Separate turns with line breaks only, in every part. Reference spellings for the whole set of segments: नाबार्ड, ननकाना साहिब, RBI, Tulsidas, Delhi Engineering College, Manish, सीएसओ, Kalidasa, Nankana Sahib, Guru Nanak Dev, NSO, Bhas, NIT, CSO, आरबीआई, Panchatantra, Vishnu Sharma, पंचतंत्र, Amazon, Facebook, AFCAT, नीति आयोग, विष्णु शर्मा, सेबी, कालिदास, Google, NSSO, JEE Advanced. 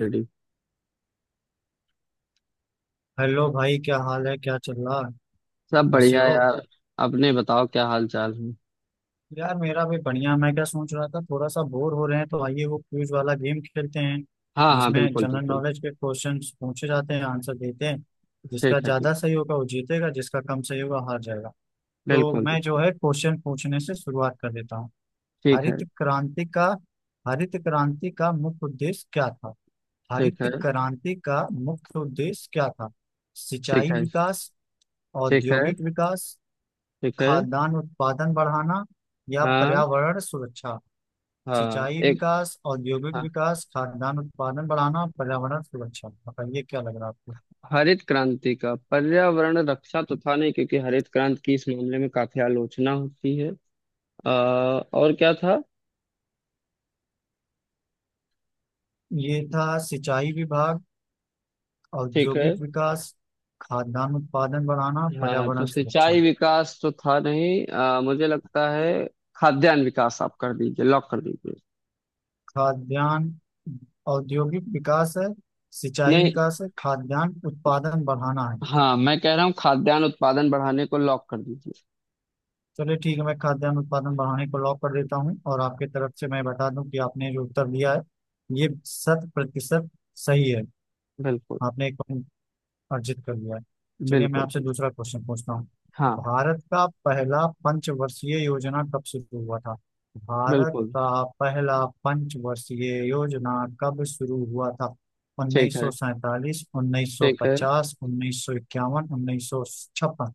Ready.
Hello भाई, क्या हाल है? क्या चल रहा है?
सब
कैसे
बढ़िया
हो?
यार। अपने बताओ क्या हाल चाल है।
यार मेरा भी बढ़िया। मैं क्या सोच रहा था, थोड़ा सा बोर हो रहे हैं तो आइए वो क्विज वाला गेम खेलते हैं,
हाँ हाँ
जिसमें
बिल्कुल
जनरल
बिल्कुल।
नॉलेज के क्वेश्चंस पूछे जाते हैं, आंसर देते हैं। जिसका
ठीक है ठीक।
ज्यादा सही होगा वो जीतेगा, जिसका कम सही होगा हार जाएगा। तो
बिल्कुल
मैं जो
बिल्कुल।
है क्वेश्चन पूछने से शुरुआत कर देता हूँ।
ठीक है।
हरित क्रांति का, हरित क्रांति का मुख्य उद्देश्य क्या था?
ठीक
हरित
है।
क्रांति का मुख्य उद्देश्य क्या था?
ठीक
सिंचाई
है।
विकास,
ठीक है।
औद्योगिक विकास,
ठीक है।
खाद्यान्न उत्पादन बढ़ाना, या
हाँ।
पर्यावरण सुरक्षा।
हाँ
सिंचाई
एक।
विकास, औद्योगिक
हाँ,
विकास, खाद्यान्न उत्पादन बढ़ाना, पर्यावरण सुरक्षा, बताइए क्या लग रहा है आपको।
हरित क्रांति का पर्यावरण रक्षा तो था नहीं क्योंकि हरित क्रांति की इस मामले में काफी आलोचना होती है। आ, और क्या था।
ये था सिंचाई विभाग,
ठीक है।
औद्योगिक विकास, खाद्यान्न उत्पादन बढ़ाना,
हाँ तो
पर्यावरण
सिंचाई
सुरक्षा।
विकास तो था नहीं, मुझे लगता है। खाद्यान्न विकास आप कर दीजिए लॉक कर दीजिए।
खाद्यान्न, औद्योगिक विकास है, सिंचाई
नहीं।
विकास है, खाद्यान्न उत्पादन बढ़ाना है।
हाँ मैं कह रहा हूँ खाद्यान्न उत्पादन बढ़ाने को लॉक कर दीजिए।
चलिए ठीक है, मैं खाद्यान्न उत्पादन बढ़ाने को लॉक कर देता हूँ और आपके तरफ से मैं बता दूं कि आपने जो उत्तर दिया है, ये शत प्रतिशत सही है।
बिल्कुल
आपने एक पॉइंट अर्जित कर लिया है। चलिए मैं
बिल्कुल।
आपसे
बिल्कुल।
दूसरा क्वेश्चन पूछता हूँ।
हाँ।
भारत का पहला पंचवर्षीय योजना कब शुरू हुआ था? भारत
बिल्कुल।
का पहला पंचवर्षीय योजना कब शुरू हुआ था?
ठीक
उन्नीस
है।
सौ सैंतालीस उन्नीस सौ
ठीक है।
पचास 1951, 1956।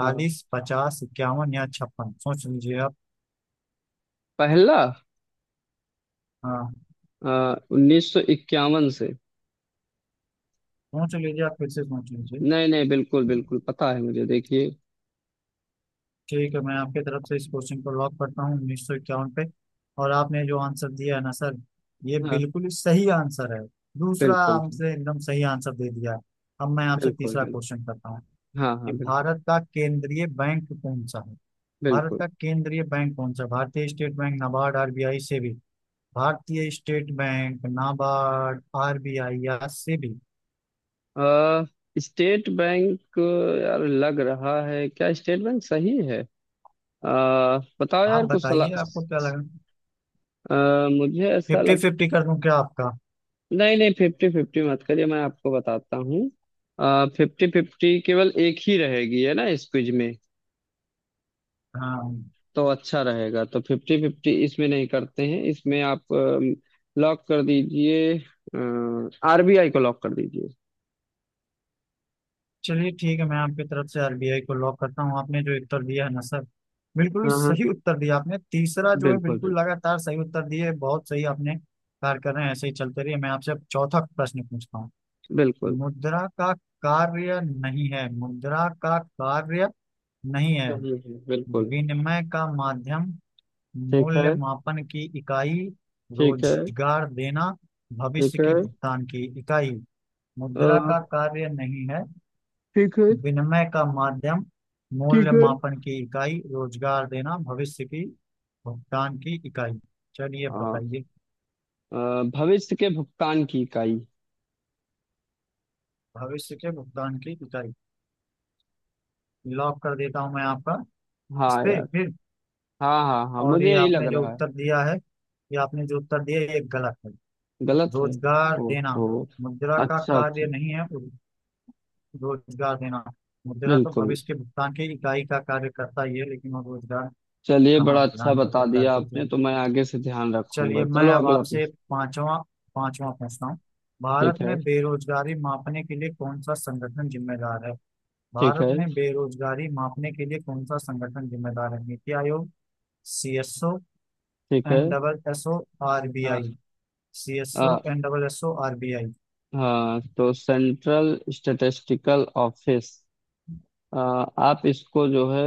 अ,
50, 51 या 56, सोच लीजिए आप।
पहला
हाँ,
1951 से।
सोच लीजिए आप, फिर से सोच लीजिए।
नहीं नहीं बिल्कुल बिल्कुल पता है मुझे देखिए।
ठीक है, मैं आपके तरफ से इस क्वेश्चन को लॉक करता हूँ 1951 पे। और आपने जो आंसर दिया है ना सर, ये
हाँ।
बिल्कुल ही सही आंसर है। दूसरा
बिल्कुल।
आपसे एकदम सही आंसर दे दिया है। अब मैं आपसे
बिल्कुल
तीसरा
बिल्कुल।
क्वेश्चन करता हूँ
हाँ
कि
हाँ बिल्कुल।
भारत का केंद्रीय बैंक कौन सा है? भारत
बिल्कुल।
का केंद्रीय बैंक कौन सा है? Bharatiya State Bank, नाबार्ड, आरबीआई, सेबी। Bharatiya State Bank, नाबार्ड, आरबीआई या सेबी?
अ, स्टेट बैंक। यार लग रहा है क्या स्टेट बैंक सही है। अ, बताओ
आप
यार कुछ सलाह।
बताइए आपको क्या लगा।
मुझे ऐसा
फिफ्टी
लग।
फिफ्टी कर दूं क्या आपका?
नहीं नहीं फिफ्टी फिफ्टी मत करिए मैं आपको बताता हूँ। फिफ्टी फिफ्टी केवल एक ही रहेगी है ना इस क्विज में।
हाँ।
तो अच्छा रहेगा, तो फिफ्टी फिफ्टी इसमें नहीं करते हैं, इसमें आप लॉक कर दीजिए। आरबीआई को लॉक कर दीजिए।
चलिए ठीक है, मैं आपकी तरफ से आरबीआई को लॉक करता हूँ। आपने जो उत्तर दिया है ना सर, बिल्कुल ही
हाँ हाँ।
सही उत्तर दिया। आपने तीसरा जो है
बिल्कुल।
बिल्कुल लगातार सही उत्तर दिए, बहुत सही आपने कार्य कर रहे हैं। ऐसे ही चलते रहिए, मैं आपसे अब चौथा प्रश्न पूछता हूँ।
बिल्कुल।
मुद्रा का कार्य नहीं है, मुद्रा का कार्य नहीं है:
बिल्कुल नहीं है, बिल्कुल।
विनिमय का माध्यम,
ठीक
मूल्य
है।
मापन की इकाई,
ठीक है।
रोजगार देना,
ठीक
भविष्य की
है।
भुगतान की इकाई।
अ,
मुद्रा का कार्य नहीं है:
ठीक है।
विनिमय का माध्यम,
ठीक
मूल्य
है।
मापन की इकाई, रोजगार देना, भविष्य की भुगतान की इकाई। चलिए
हाँ।
बताइए।
भविष्य के भुगतान की इकाई।
भविष्य के भुगतान की इकाई लॉक कर देता हूं मैं आपका, इस
हाँ
पे
यार।
फिर।
हाँ हाँ हाँ
और
मुझे
ये
यही लग
आपने जो
रहा है।
उत्तर दिया है, ये आपने जो उत्तर दिया है, ये गलत है।
गलत है।
रोजगार देना
ओहो।
मुद्रा का
अच्छा
कार्य
अच्छा।
नहीं है। रोजगार देना, मुद्रा तो
बिल्कुल।
भविष्य के भुगतान की इकाई का कार्य करता ही है, लेकिन वो रोजगार
चलिए
कहाँ
बड़ा अच्छा
प्रदान कर
बता
सकता है,
दिया आपने,
सोचें।
तो मैं आगे से ध्यान रखूंगा।
चलिए मैं
चलो
अब
अगला
आपसे
प्रश्न।
पांचवा, पांचवा पूछता हूँ। भारत
ठीक है।
में बेरोजगारी मापने के लिए कौन सा संगठन जिम्मेदार है?
ठीक
भारत
है।
में बेरोजगारी मापने के लिए कौन सा संगठन जिम्मेदार है? नीति आयोग, सी एस ओ,
ठीक है।
N double S O, R B
हाँ।
आई। सी एस ओ,
हाँ।
N double S O, R B I.
हाँ, तो सेंट्रल स्टैटिस्टिकल ऑफिस आप इसको जो है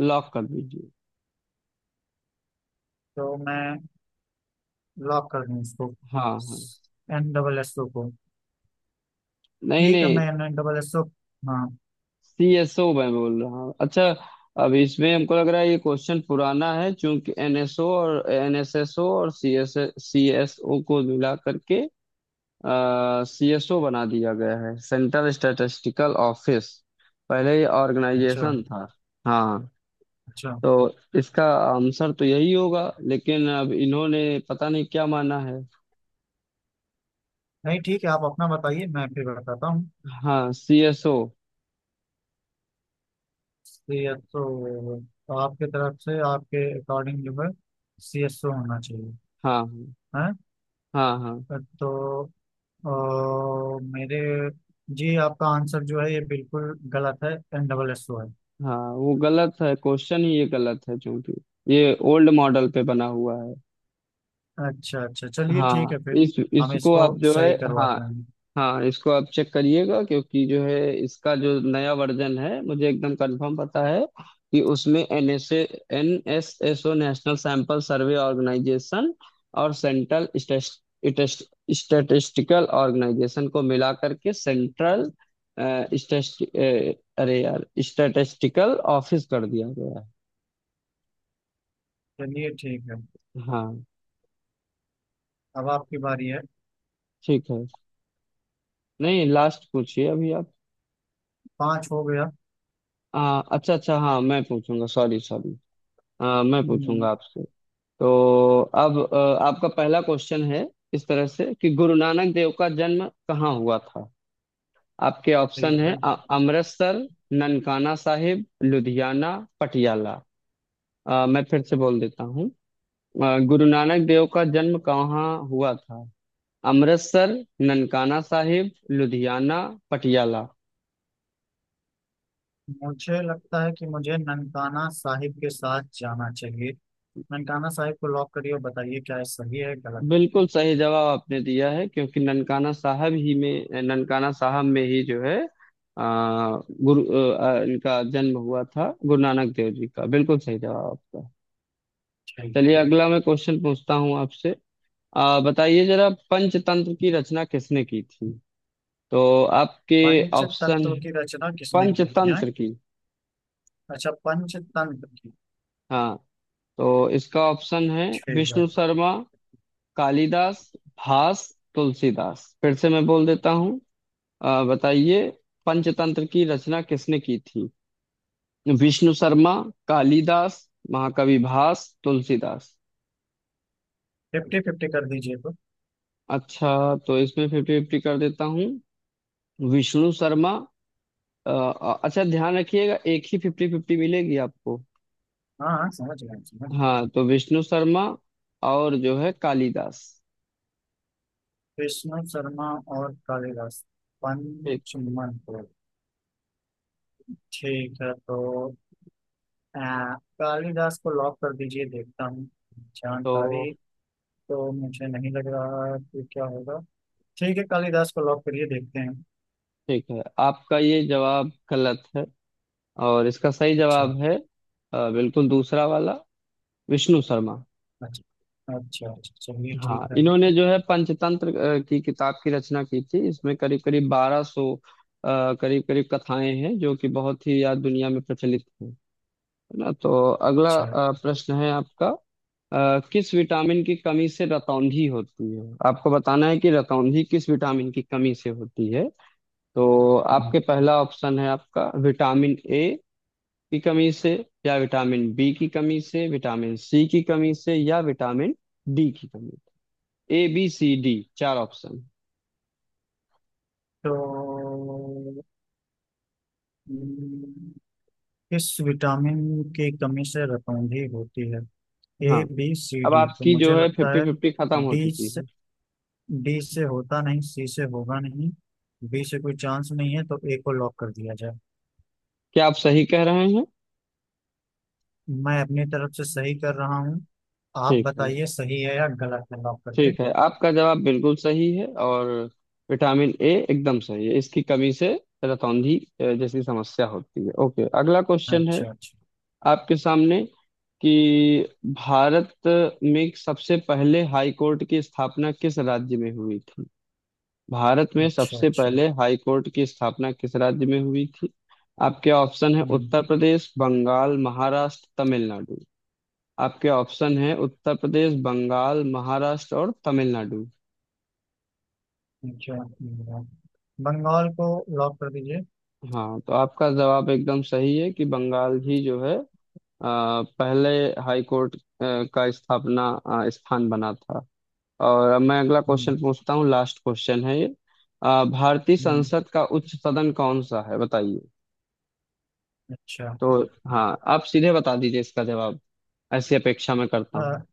लॉक कर दीजिए।
तो मैं लॉक कर दूं इसको,
हाँ हाँ।
एन डबल एस ओ को?
नहीं
ठीक है,
नहीं।
मैं M nine double S O, हाँ।
सी एस ओ मैं बोल रहा हूँ। अच्छा, अब इसमें हमको लग रहा है ये क्वेश्चन पुराना है क्योंकि एन एस ओ और एन एस एस ओ और सी एस ओ को मिला करके सी एस ओ बना दिया गया है, सेंट्रल स्टैटिस्टिकल ऑफिस। पहले ये
अच्छा,
ऑर्गेनाइजेशन था। हाँ।
अच्छा।
तो इसका आंसर तो यही होगा, लेकिन अब इन्होंने पता नहीं क्या माना है।
नहीं ठीक है, आप अपना बताइए मैं फिर बताता हूँ।
हाँ C S O.
C S O? आपके तरफ से, आपके अकॉर्डिंग जो है सी एस ओ होना चाहिए
हाँ
है?
हाँ हाँ।
तो अ, मेरे जी, आपका आंसर जो है, ये बिल्कुल गलत है। एन डबल एस ओ है।
हाँ वो गलत है, क्वेश्चन ही ये गलत है क्योंकि ये ओल्ड मॉडल पे बना हुआ है।
अच्छा अच्छा, चलिए ठीक
हाँ,
है, फिर
इस
हम
इसको
इसको
आप जो है।
सही
हाँ
करवाते हैं।
हाँ, इसको आप चेक करिएगा क्योंकि जो है इसका जो नया वर्जन है मुझे एकदम कंफर्म पता है कि उसमें N S S O national sample survey organisation और सेंट्रल स्टेटिस्टिकल ऑर्गेनाइजेशन को मिला करके सेंट्रल, अरे यार स्टैटिस्टिकल ऑफिस कर दिया गया है।
चलिए ठीक है,
हाँ।
अब आपकी बारी है।
ठीक है। नहीं लास्ट पूछिए अभी आप।
पाँच हो गया।
अच्छा अच्छा, हाँ मैं पूछूंगा, सॉरी सॉरी। मैं
हम्म,
पूछूंगा आपसे। तो अब आपका पहला क्वेश्चन है इस तरह से, कि गुरु नानक देव का जन्म कहाँ हुआ था। आपके ऑप्शन
ठीक
है
है।
अमृतसर, ननकाना साहिब, लुधियाना, पटियाला। मैं फिर से बोल देता हूँ। गुरु नानक देव का जन्म कहाँ हुआ था। अमृतसर, ननकाना साहिब, लुधियाना, पटियाला।
मुझे लगता है कि मुझे ननकाना साहिब के साथ जाना चाहिए। ननकाना साहिब को लॉक करिए और बताइए क्या ये सही है, गलत है।
बिल्कुल सही जवाब आपने दिया है क्योंकि ननकाना साहब में ही जो है आ, गुरु इनका जन्म हुआ था, गुरु नानक देव जी का। बिल्कुल सही जवाब आपका।
ठीक
चलिए
है।
अगला मैं क्वेश्चन पूछता हूँ आपसे। बताइए जरा, पंचतंत्र की रचना किसने की थी। तो आपके
पंच
ऑप्शन,
तत्व की रचना किसने की थी हैं?
पंचतंत्र की।
अच्छा, पंचतंत्र की?
हाँ, तो इसका ऑप्शन है
ठीक है,
विष्णु शर्मा, कालिदास, भास, तुलसीदास। फिर से मैं बोल देता हूँ। बताइए, पंचतंत्र की रचना किसने की थी। विष्णु शर्मा, कालिदास, महाकवि भास, तुलसीदास।
फिफ्टी फिफ्टी कर दीजिए तो।
अच्छा, तो इसमें फिफ्टी फिफ्टी कर देता हूँ। विष्णु शर्मा, अच्छा ध्यान रखिएगा एक ही फिफ्टी फिफ्टी मिलेगी आपको।
हाँ हाँ, समझ गए समझ गए।
हाँ, तो विष्णु शर्मा और जो है कालिदास।
विष्णु शर्मा और कालिदास,
ठीक।
पंचमन को, ठीक है, तो आ, कालिदास को लॉक कर दीजिए, देखता हूँ
तो
जानकारी। तो मुझे नहीं लग रहा है कि क्या होगा। ठीक है, कालिदास को लॉक करिए, देखते हैं।
ठीक है आपका ये जवाब गलत है, और इसका सही
अच्छा
जवाब है बिल्कुल दूसरा वाला, विष्णु शर्मा।
अच्छा अच्छा, अच्छा, चलिए
हाँ
ठीक है।
इन्होंने जो है पंचतंत्र की किताब की रचना की थी, इसमें करीब करीब 1200 करीब करीब कथाएं हैं जो कि बहुत ही यार दुनिया में प्रचलित हैं, है ना। तो अगला
अच्छा।
प्रश्न है आपका, किस विटामिन की कमी से रतौंधी होती है, आपको बताना है कि रतौंधी किस विटामिन की कमी से होती है। तो
हम्म,
आपके पहला ऑप्शन है आपका विटामिन ए की कमी से, या विटामिन बी की कमी से, विटामिन सी की कमी से, या विटामिन डी की कमी। ए बी सी डी, चार ऑप्शन।
तो हम्म, किस विटामिन की कमी से रतौंधी होती है? ए
हाँ।
बी सी
अब
डी, तो
आपकी
मुझे
जो है
लगता
फिफ्टी
है
फिफ्टी खत्म हो
डी
चुकी
से,
है।
डी से होता नहीं, सी से होगा नहीं, बी से कोई चांस नहीं है, तो ए को लॉक कर दिया जाए।
क्या आप सही कह रहे हैं।
मैं अपनी तरफ से सही कर रहा हूँ, आप
ठीक है।
बताइए सही है या गलत है, लॉक करके।
ठीक है आपका जवाब बिल्कुल सही है, और विटामिन ए एकदम सही है, इसकी कमी से रतौंधी जैसी समस्या होती है। ओके, अगला क्वेश्चन है
अच्छा अच्छा
आपके सामने, कि भारत में सबसे पहले हाई कोर्ट की स्थापना किस राज्य में हुई थी। भारत में
अच्छा
सबसे
अच्छा।
पहले हाई कोर्ट की स्थापना किस राज्य में हुई थी। आपके ऑप्शन है
हम्म,
उत्तर प्रदेश, बंगाल, महाराष्ट्र, तमिलनाडु। आपके ऑप्शन है उत्तर प्रदेश, बंगाल, महाराष्ट्र, और तमिलनाडु।
अच्छा। बंगाल को लॉक कर दीजिए।
हाँ, तो आपका जवाब एकदम सही है कि बंगाल ही जो है पहले हाई कोर्ट का स्थापना स्थान बना था। और अब मैं अगला
हम्म,
क्वेश्चन पूछता हूँ, लास्ट क्वेश्चन है ये। भारतीय
हम्म,
संसद का उच्च सदन कौन सा है, बताइए।
अच्छा।
तो हाँ, आप सीधे बता दीजिए इसका जवाब, ऐसी अपेक्षा मैं करता
अ,
हूँ।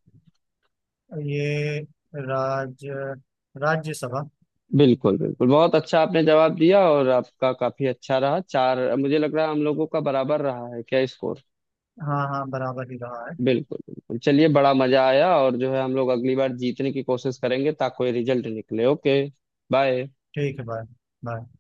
ये राज्य, राज्यसभा।
बिल्कुल बिल्कुल, बहुत अच्छा आपने जवाब दिया, और आपका काफी अच्छा रहा। चार मुझे लग रहा है हम लोगों का बराबर रहा है क्या स्कोर।
हाँ हाँ, बराबर ही रहा है।
बिल्कुल बिल्कुल, चलिए बड़ा मजा आया, और जो है हम लोग अगली बार जीतने की कोशिश करेंगे ताकि कोई रिजल्ट निकले। ओके। बाय।
ठीक है, बाय। बाय।